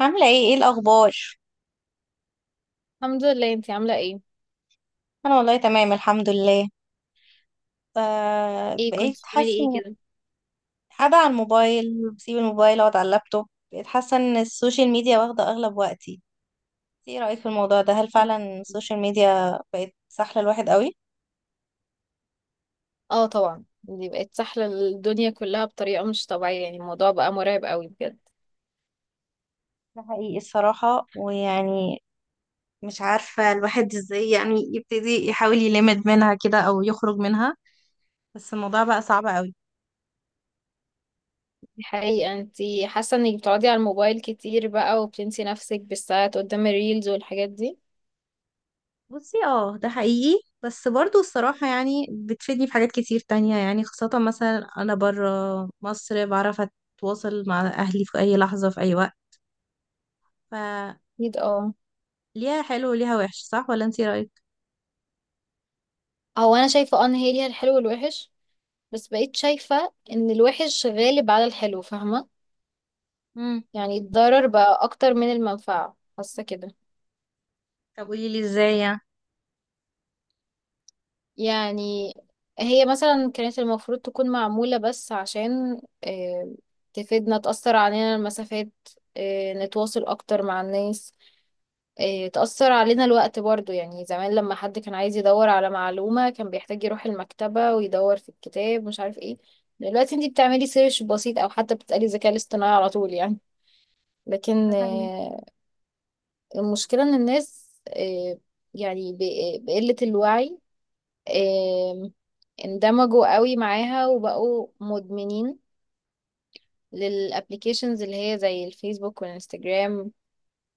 عاملة ايه الأخبار؟ الحمد لله. انتي عاملة ايه؟ أنا والله تمام الحمد لله. ايه بقيت كنت بتعملي حاسة ايه إن كده؟ قاعدة على الموبايل، بسيب الموبايل أقعد على اللابتوب. بقيت حاسة إن السوشيال ميديا واخدة أغلب وقتي. ايه رأيك في الموضوع ده؟ هل فعلا السوشيال ميديا بقت سحلة الواحد قوي؟ اه طبعا، دي بقت سحلة الدنيا كلها بطريقة مش طبيعية، يعني الموضوع بقى مرعب قوي بجد. ده حقيقي الصراحة، ويعني مش عارفة الواحد ازاي يعني يبتدي يحاول يلمد منها كده أو يخرج منها، بس الموضوع بقى صعب قوي. دي حقيقة. انتي حاسة انك بتقعدي على الموبايل كتير بقى وبتنسي نفسك بالساعات قدام الريلز والحاجات دي؟ بصي اه، ده حقيقي، بس برضو الصراحة يعني بتفيدني في حاجات كتير تانية، يعني خاصة مثلا أنا برا مصر، بعرف أتواصل مع أهلي في أي لحظة في أي وقت. فليها اكيد اه. حلو وليها وحش، صح ولا انتي رأيك؟ هو انا شايفة ان هي ليها الحلو والوحش، بس بقيت شايفة ان الوحش غالب على الحلو، فاهمة؟ مم. يعني الضرر بقى اكتر من المنفعة، حاسة كده. طب قوليلي ازاي يعني. يعني هي مثلا كانت المفروض تكون معمولة بس عشان تفيدنا، تأثر علينا المسافات، نتواصل أكتر مع الناس، تأثر علينا الوقت برضو. يعني زمان لما حد كان عايز يدور على معلومة كان بيحتاج يروح المكتبة ويدور في الكتاب مش عارف ايه. دلوقتي انتي بتعملي سيرش بسيط أو حتى بتسألي الذكاء الاصطناعي على طول يعني. ده لكن حقيقي. المشكلة إن الناس، يعني بقلة الوعي، آه، اندمجوا قوي معاها وبقوا مدمنين للابليكيشنز اللي هي زي الفيسبوك والانستجرام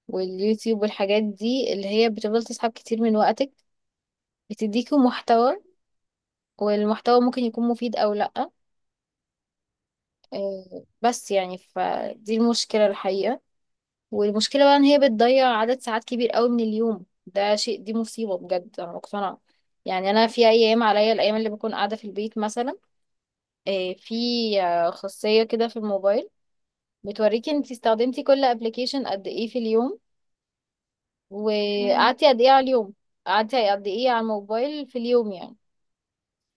واليوتيوب والحاجات دي، اللي هي بتفضل تسحب كتير من وقتك، بتديكوا محتوى، والمحتوى ممكن يكون مفيد او لا. بس يعني فدي المشكلة الحقيقة. والمشكلة بقى ان هي بتضيع عدد ساعات كبير قوي من اليوم، ده شيء، دي مصيبة بجد، انا مقتنعة. يعني انا في ايام عليا الايام اللي بكون قاعدة في البيت مثلا، في خاصية كده في الموبايل بتوريكي انتي استخدمتي كل ابلكيشن قد ايه في اليوم، مم. وقعدتي قد ايه على اليوم، قعدتي قد ايه على الموبايل في اليوم يعني.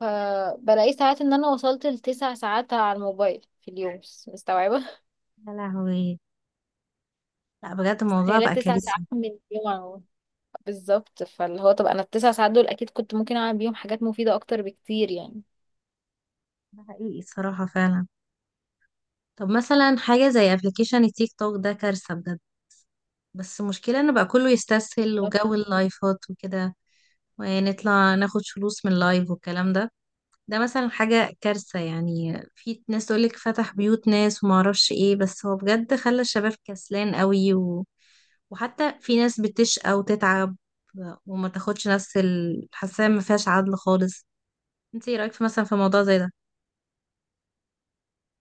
فبلاقي ساعات ان انا وصلت لتسع ساعات على الموبايل في اليوم، مستوعبة؟ يا لهوي، لا بجد الموضوع متخيلة بقى 9 ساعات كارثي. من اليوم على الموبايل؟ بالظبط، فاللي هو طب انا الـ9 ساعات دول اكيد كنت ممكن اعمل بيهم حاجات مفيدة اكتر بكتير يعني. ده حقيقي الصراحة فعلا. طب مثلا حاجة زي ابلكيشن التيك توك ده كارثة بجد. بس المشكلة ان بقى كله يستسهل طب وجو اللايفات وكده، ونطلع ناخد فلوس من لايف والكلام ده. ده مثلا حاجة كارثة، يعني في ناس تقولك فتح بيوت ناس وما اعرفش ايه، بس هو بجد خلى الشباب كسلان قوي وحتى في ناس بتشقى وتتعب وما تاخدش نفس حاسة ما فيهاش عدل خالص. انت ايه رأيك في مثلا في موضوع زي ده؟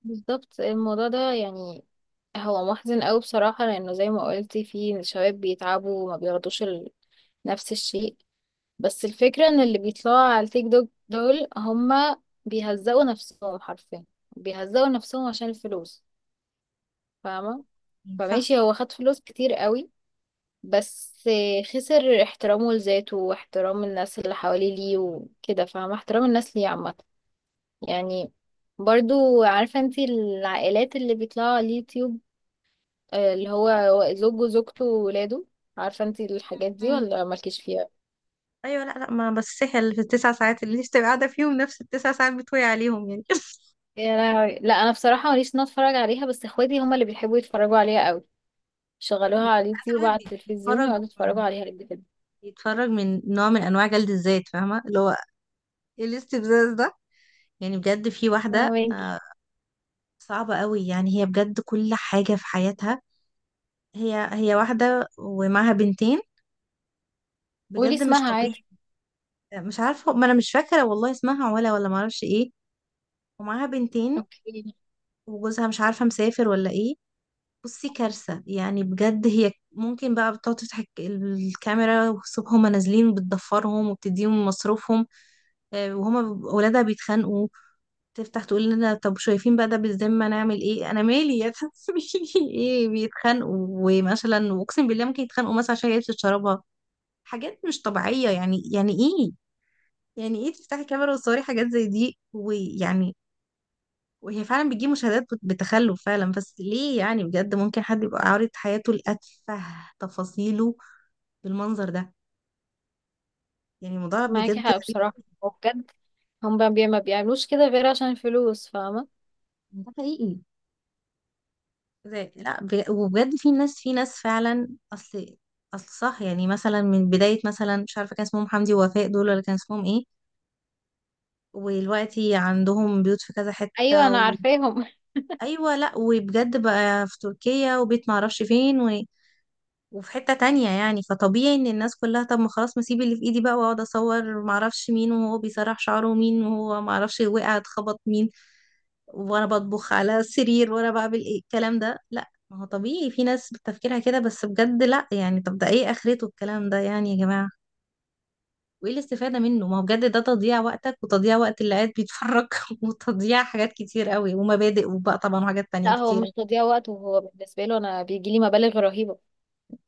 بالظبط، الموضوع ده يعني هو محزن قوي بصراحة، لانه زي ما قلتي في شباب بيتعبوا وما نفس الشيء. بس الفكرة ان اللي بيطلعوا على التيك توك دول هما بيهزقوا نفسهم حرفيا، بيهزقوا نفسهم عشان الفلوس، فاهمة؟ صح. فماشي هو خد فلوس كتير قوي، بس خسر احترامه لذاته واحترام الناس اللي حواليه ليه وكده، فاهمة؟ احترام الناس ليه عامة. يعني برضو عارفة انتي العائلات اللي بيطلعوا على اليوتيوب، اللي هو زوجه وزوجته وولاده؟ عارفة انتي الحاجات دي مم. ولا مالكيش فيها؟ ايوه لا لا، ما بس سهل في التسع ساعات اللي انت بتبقى قاعدة فيهم نفس التسع ساعات بتوي عليهم يعني. يا لهوي، لا انا بصراحه ماليش ان أنا اتفرج عليها، بس اخواتي هما اللي بيحبوا يتفرجوا عليها قوي. شغلوها على ساعات اليوتيوب الواحد على التلفزيون بيتفرج ويقعدوا يتفرجوا من عليها قد كده. يتفرج من نوع من انواع جلد الذات، فاهمه اللي هو ايه الاستفزاز ده؟ يعني بجد في واحده فاهماكي. صعبه قوي يعني. هي بجد كل حاجه في حياتها، هي هي واحده ومعاها بنتين، قولي بجد مش اسمها طبيعي. عادي. مش عارفه، ما انا مش فاكره والله اسمها ولا ما اعرفش ايه. ومعاها بنتين اوكي. وجوزها مش عارفه مسافر ولا ايه. بصي كارثه يعني، بجد هي ممكن بقى بتقعد تفتح الكاميرا، وصبح هما نازلين بتضفرهم وبتديهم مصروفهم، وهما ولادها بيتخانقوا، تفتح تقول لنا طب شايفين بقى ده بالذمة نعمل ايه، انا مالي يا تعملي. ايه، بيتخانقوا، ومثلا واقسم بالله ممكن يتخانقوا مثلا عشان هي بتشربها. حاجات مش طبيعية يعني. يعني ايه يعني ايه تفتحي كاميرا وتصوري حاجات زي دي ويعني؟ وهي فعلا بتجيب مشاهدات، بتخلف فعلا، بس ليه يعني؟ بجد ممكن حد يبقى عارض حياته لأتفه تفاصيله بالمنظر ده؟ يعني الموضوع معاكي بجد حق غريب. بصراحه، وبجد هم ما بيعملوش كده غير عشان الفلوس، فاهمه. ده حقيقي. زي لا وبجد في ناس، في ناس فعلا اصل اصل صح، يعني مثلا من بداية مثلا مش عارفة كان اسمهم حمدي ووفاء دول ولا كان اسمهم ايه. ودلوقتي عندهم بيوت في كذا ايوه حتة انا عارفاهم ايوه لا، وبجد بقى في تركيا وبيت معرفش فين، وفي حتة تانية. يعني فطبيعي ان الناس كلها طب ما خلاص، ما اسيب اللي في ايدي بقى واقعد اصور معرفش مين وهو بيسرح شعره، ومين وهو معرفش وقع اتخبط مين، وانا بطبخ على السرير، وانا بعمل ايه الكلام ده. لا ما هو طبيعي في ناس بتفكيرها كده، بس بجد لا يعني، طب ده ايه اخرته الكلام ده يعني يا جماعة؟ وايه الاستفادة منه؟ ما هو بجد ده تضييع وقتك، وتضييع وقت اللي قاعد بيتفرج، وتضييع حاجات كتير قوي ومبادئ وبقى طبعا وحاجات تانية لا، هو كتير. مش تضييع وقت، وهو بالنسبه له انا بيجي لي مبالغ رهيبه.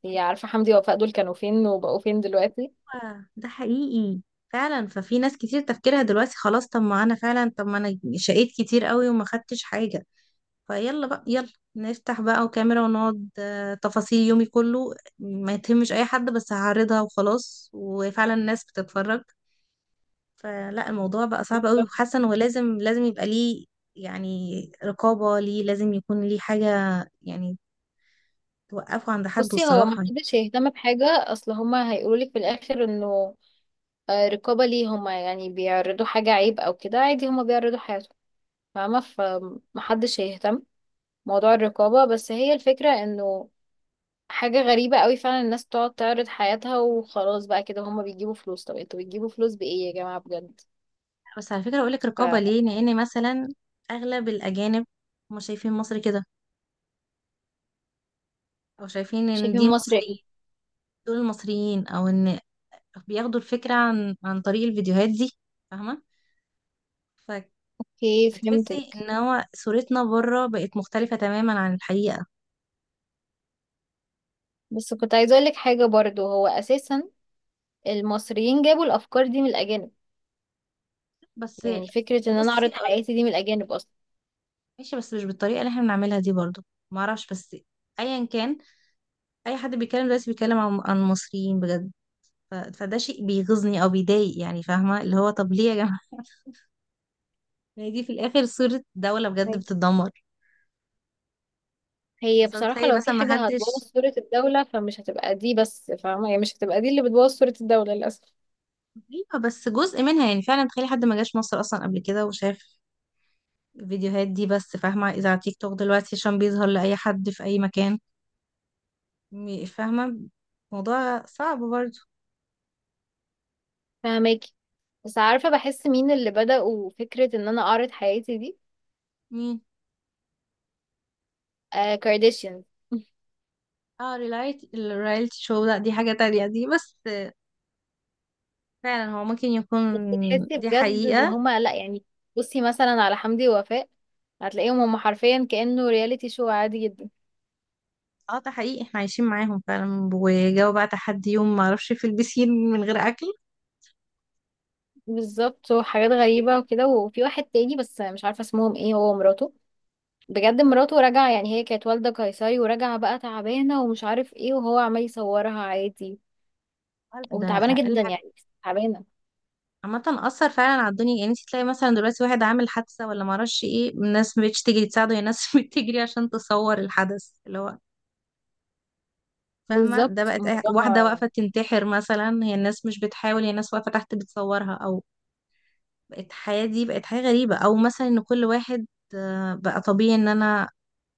هي عارفه حمدي ووفاء دول كانوا فين وبقوا فين دلوقتي. أيوة، ده حقيقي فعلا. ففي ناس كتير تفكيرها دلوقتي خلاص، طب ما انا فعلا، طب ما انا شقيت كتير قوي وما خدتش حاجة، فيلا بقى يلا نفتح بقى وكاميرا ونقعد، تفاصيل يومي كله، ما يتهمش اي حد، بس هعرضها وخلاص، وفعلا الناس بتتفرج. فلا الموضوع بقى صعب قوي، وحاسة انه لازم لازم يبقى ليه يعني رقابة، ليه لازم يكون ليه حاجة يعني توقفه عند حد بصي، هو الصراحة. ما حدش يهتم بحاجه، اصل هما هيقولوا لك في الاخر انه رقابة ليه؟ هما يعني بيعرضوا حاجة عيب أو كده؟ عادي، هما بيعرضوا حياتهم، فاهمة؟ فمحدش هيهتم موضوع الرقابة. بس هي الفكرة إنه حاجة غريبة قوي فعلا الناس تقعد تعرض حياتها وخلاص بقى كده. هما بيجيبوا فلوس، طب انتوا بتجيبوا فلوس بإيه يا جماعة بجد؟ بس على فكرة اقول لك رقابة ليه، لان مثلا اغلب الاجانب هم شايفين مصر كده، او شايفين ان فشايفين دي مصر ايه؟ مصريين، دول المصريين، او ان بياخدوا الفكرة عن طريق الفيديوهات دي، فاهمة؟ اوكي فهتحسي فهمتك. ان هو صورتنا بره بقت مختلفة تماما عن الحقيقة. بس كنت عايزة أقولك حاجة برضو، هو أساسا المصريين جابوا الأفكار دي من الأجانب. بس يعني فكرة إن أنا بصي أعرض هقول لك، حياتي دي من الأجانب أصلا. ماشي بس مش بالطريقة اللي احنا بنعملها دي برضو، معرفش. بس ايا كان، اي حد بيتكلم دلوقتي بيتكلم عن المصريين بجد، فده شيء بيغيظني او بيضايق، يعني فاهمة اللي هو طب ليه يا جماعة؟ يعني دي في الاخر صورة دولة بجد بتتدمر. هي خاصة بصراحة تخيلي لو في مثلا ما حاجة هتبوظ حدش، صورة الدولة فمش هتبقى دي بس، فاهمة يعني؟ مش هتبقى دي اللي بتبوظ صورة الدولة للأسف. ايوه بس جزء منها، يعني فعلا تخيلي حد ما جاش مصر اصلا قبل كده وشاف الفيديوهات دي بس، فاهمة؟ اذا على تيك توك دلوقتي عشان بيظهر لأي حد في أي مكان، فاهمة؟ موضوع صعب برضه. فاهماكي. بس عارفة بحس مين اللي بدأوا فكرة إن أنا أعرض حياتي دي؟ مين؟ آه، كارديشيان اه، ريلايت الرياليتي شو، لا دي حاجة تانية دي، بس فعلا هو ممكن يكون. بس تحسي دي بجد إن حقيقة. هما لأ، يعني. بصي مثلا على حمدي ووفاء، هتلاقيهم هما حرفيا كأنه رياليتي شو عادي جدا. اه ده حقيقي، احنا عايشين معاهم فعلا، وجاوا بقى تحدي يوم ما اعرفش، في البسين من غير اكل، بالظبط، وحاجات غريبة وكده. وفي واحد تاني بس مش عارفة اسمهم ايه، هو ومراته. بجد مراته راجعة، يعني هي كانت والدة قيصري وراجعة بقى تعبانة ومش عارف ايه، وهو عمال يصورها عادي. ده وتعبانة اقل جدا يعني، حاجة. تعبانة. عامة أثر فعلا على الدنيا، يعني انت تلاقي مثلا دلوقتي واحد عامل حادثة ولا معرفش ايه، الناس مبقتش تجري تساعده، هي الناس بتجري عشان تصور الحدث اللي هو، فاهمة؟ ده بالظبط بقت الموضوع. واحدة واقفة تنتحر مثلا، هي الناس مش بتحاول، هي الناس واقفة تحت بتصورها أو بقت الحياة دي بقت حاجة غريبة. أو مثلا إن كل واحد بقى طبيعي إن أنا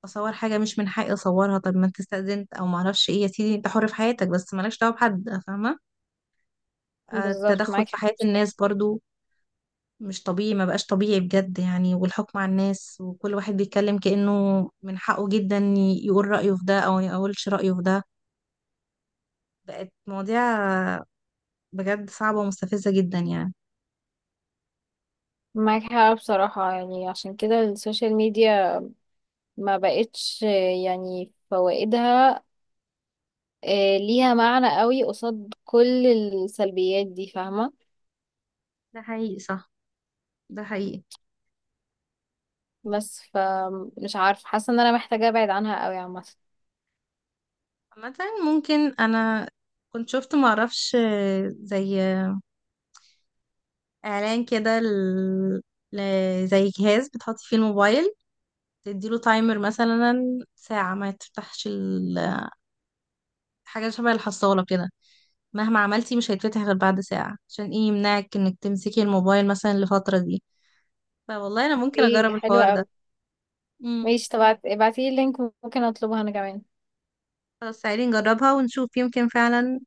أصور حاجة مش من حقي أصورها. طب ما أنت استأذنت أو معرفش ايه، يا سيدي أنت حر في حياتك بس مالكش دعوة بحد، فاهمة؟ بالظبط التدخل معاك في حق حياة بصراحة. الناس برضو مش طبيعي، ما بقاش طبيعي بجد يعني. والحكم على الناس، وكل واحد بيتكلم كأنه من حقه جدا يقول رأيه في ده او ما يقولش رأيه في ده. بقت مواضيع بجد صعبة ومستفزة جدا يعني. معاك حق بصراحة. يعني عشان كده السوشيال ميديا ما بقتش، يعني فوائدها ليها معنى قوي قصاد كل السلبيات دي، فاهمة؟ ده حقيقي صح. ده حقيقي. بس فمش عارفة، حاسة ان انا محتاجة ابعد عنها قوي عامة. مثلا ممكن انا كنت شفت معرفش، زي اعلان كده زي جهاز بتحطي فيه الموبايل، تديله تايمر مثلا ساعة، ما حاجة شبه الحصالة كده، مهما عملتي مش هيتفتح غير بعد ساعة، عشان ايه يمنعك انك تمسكي الموبايل مثلا الفترة دي. فوالله انا ممكن ايه ده اجرب حلو الحوار ده. قوي. امم. ماشي طب، ابعتيلي اللينك، ممكن اطلبها انا كمان. خلاص تعالي نجربها ونشوف، يمكن فعلا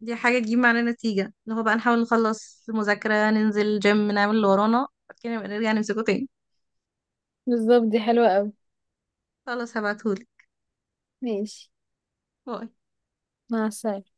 دي حاجة تجيب معانا نتيجة، اللي هو بقى نحاول نخلص مذاكرة، ننزل جيم، نعمل اللي ورانا، بعد كده نبقى نرجع نمسكه تاني. بالظبط، دي حلوة أوي. خلاص هبعتهولك. ماشي. باي. مع السلامة.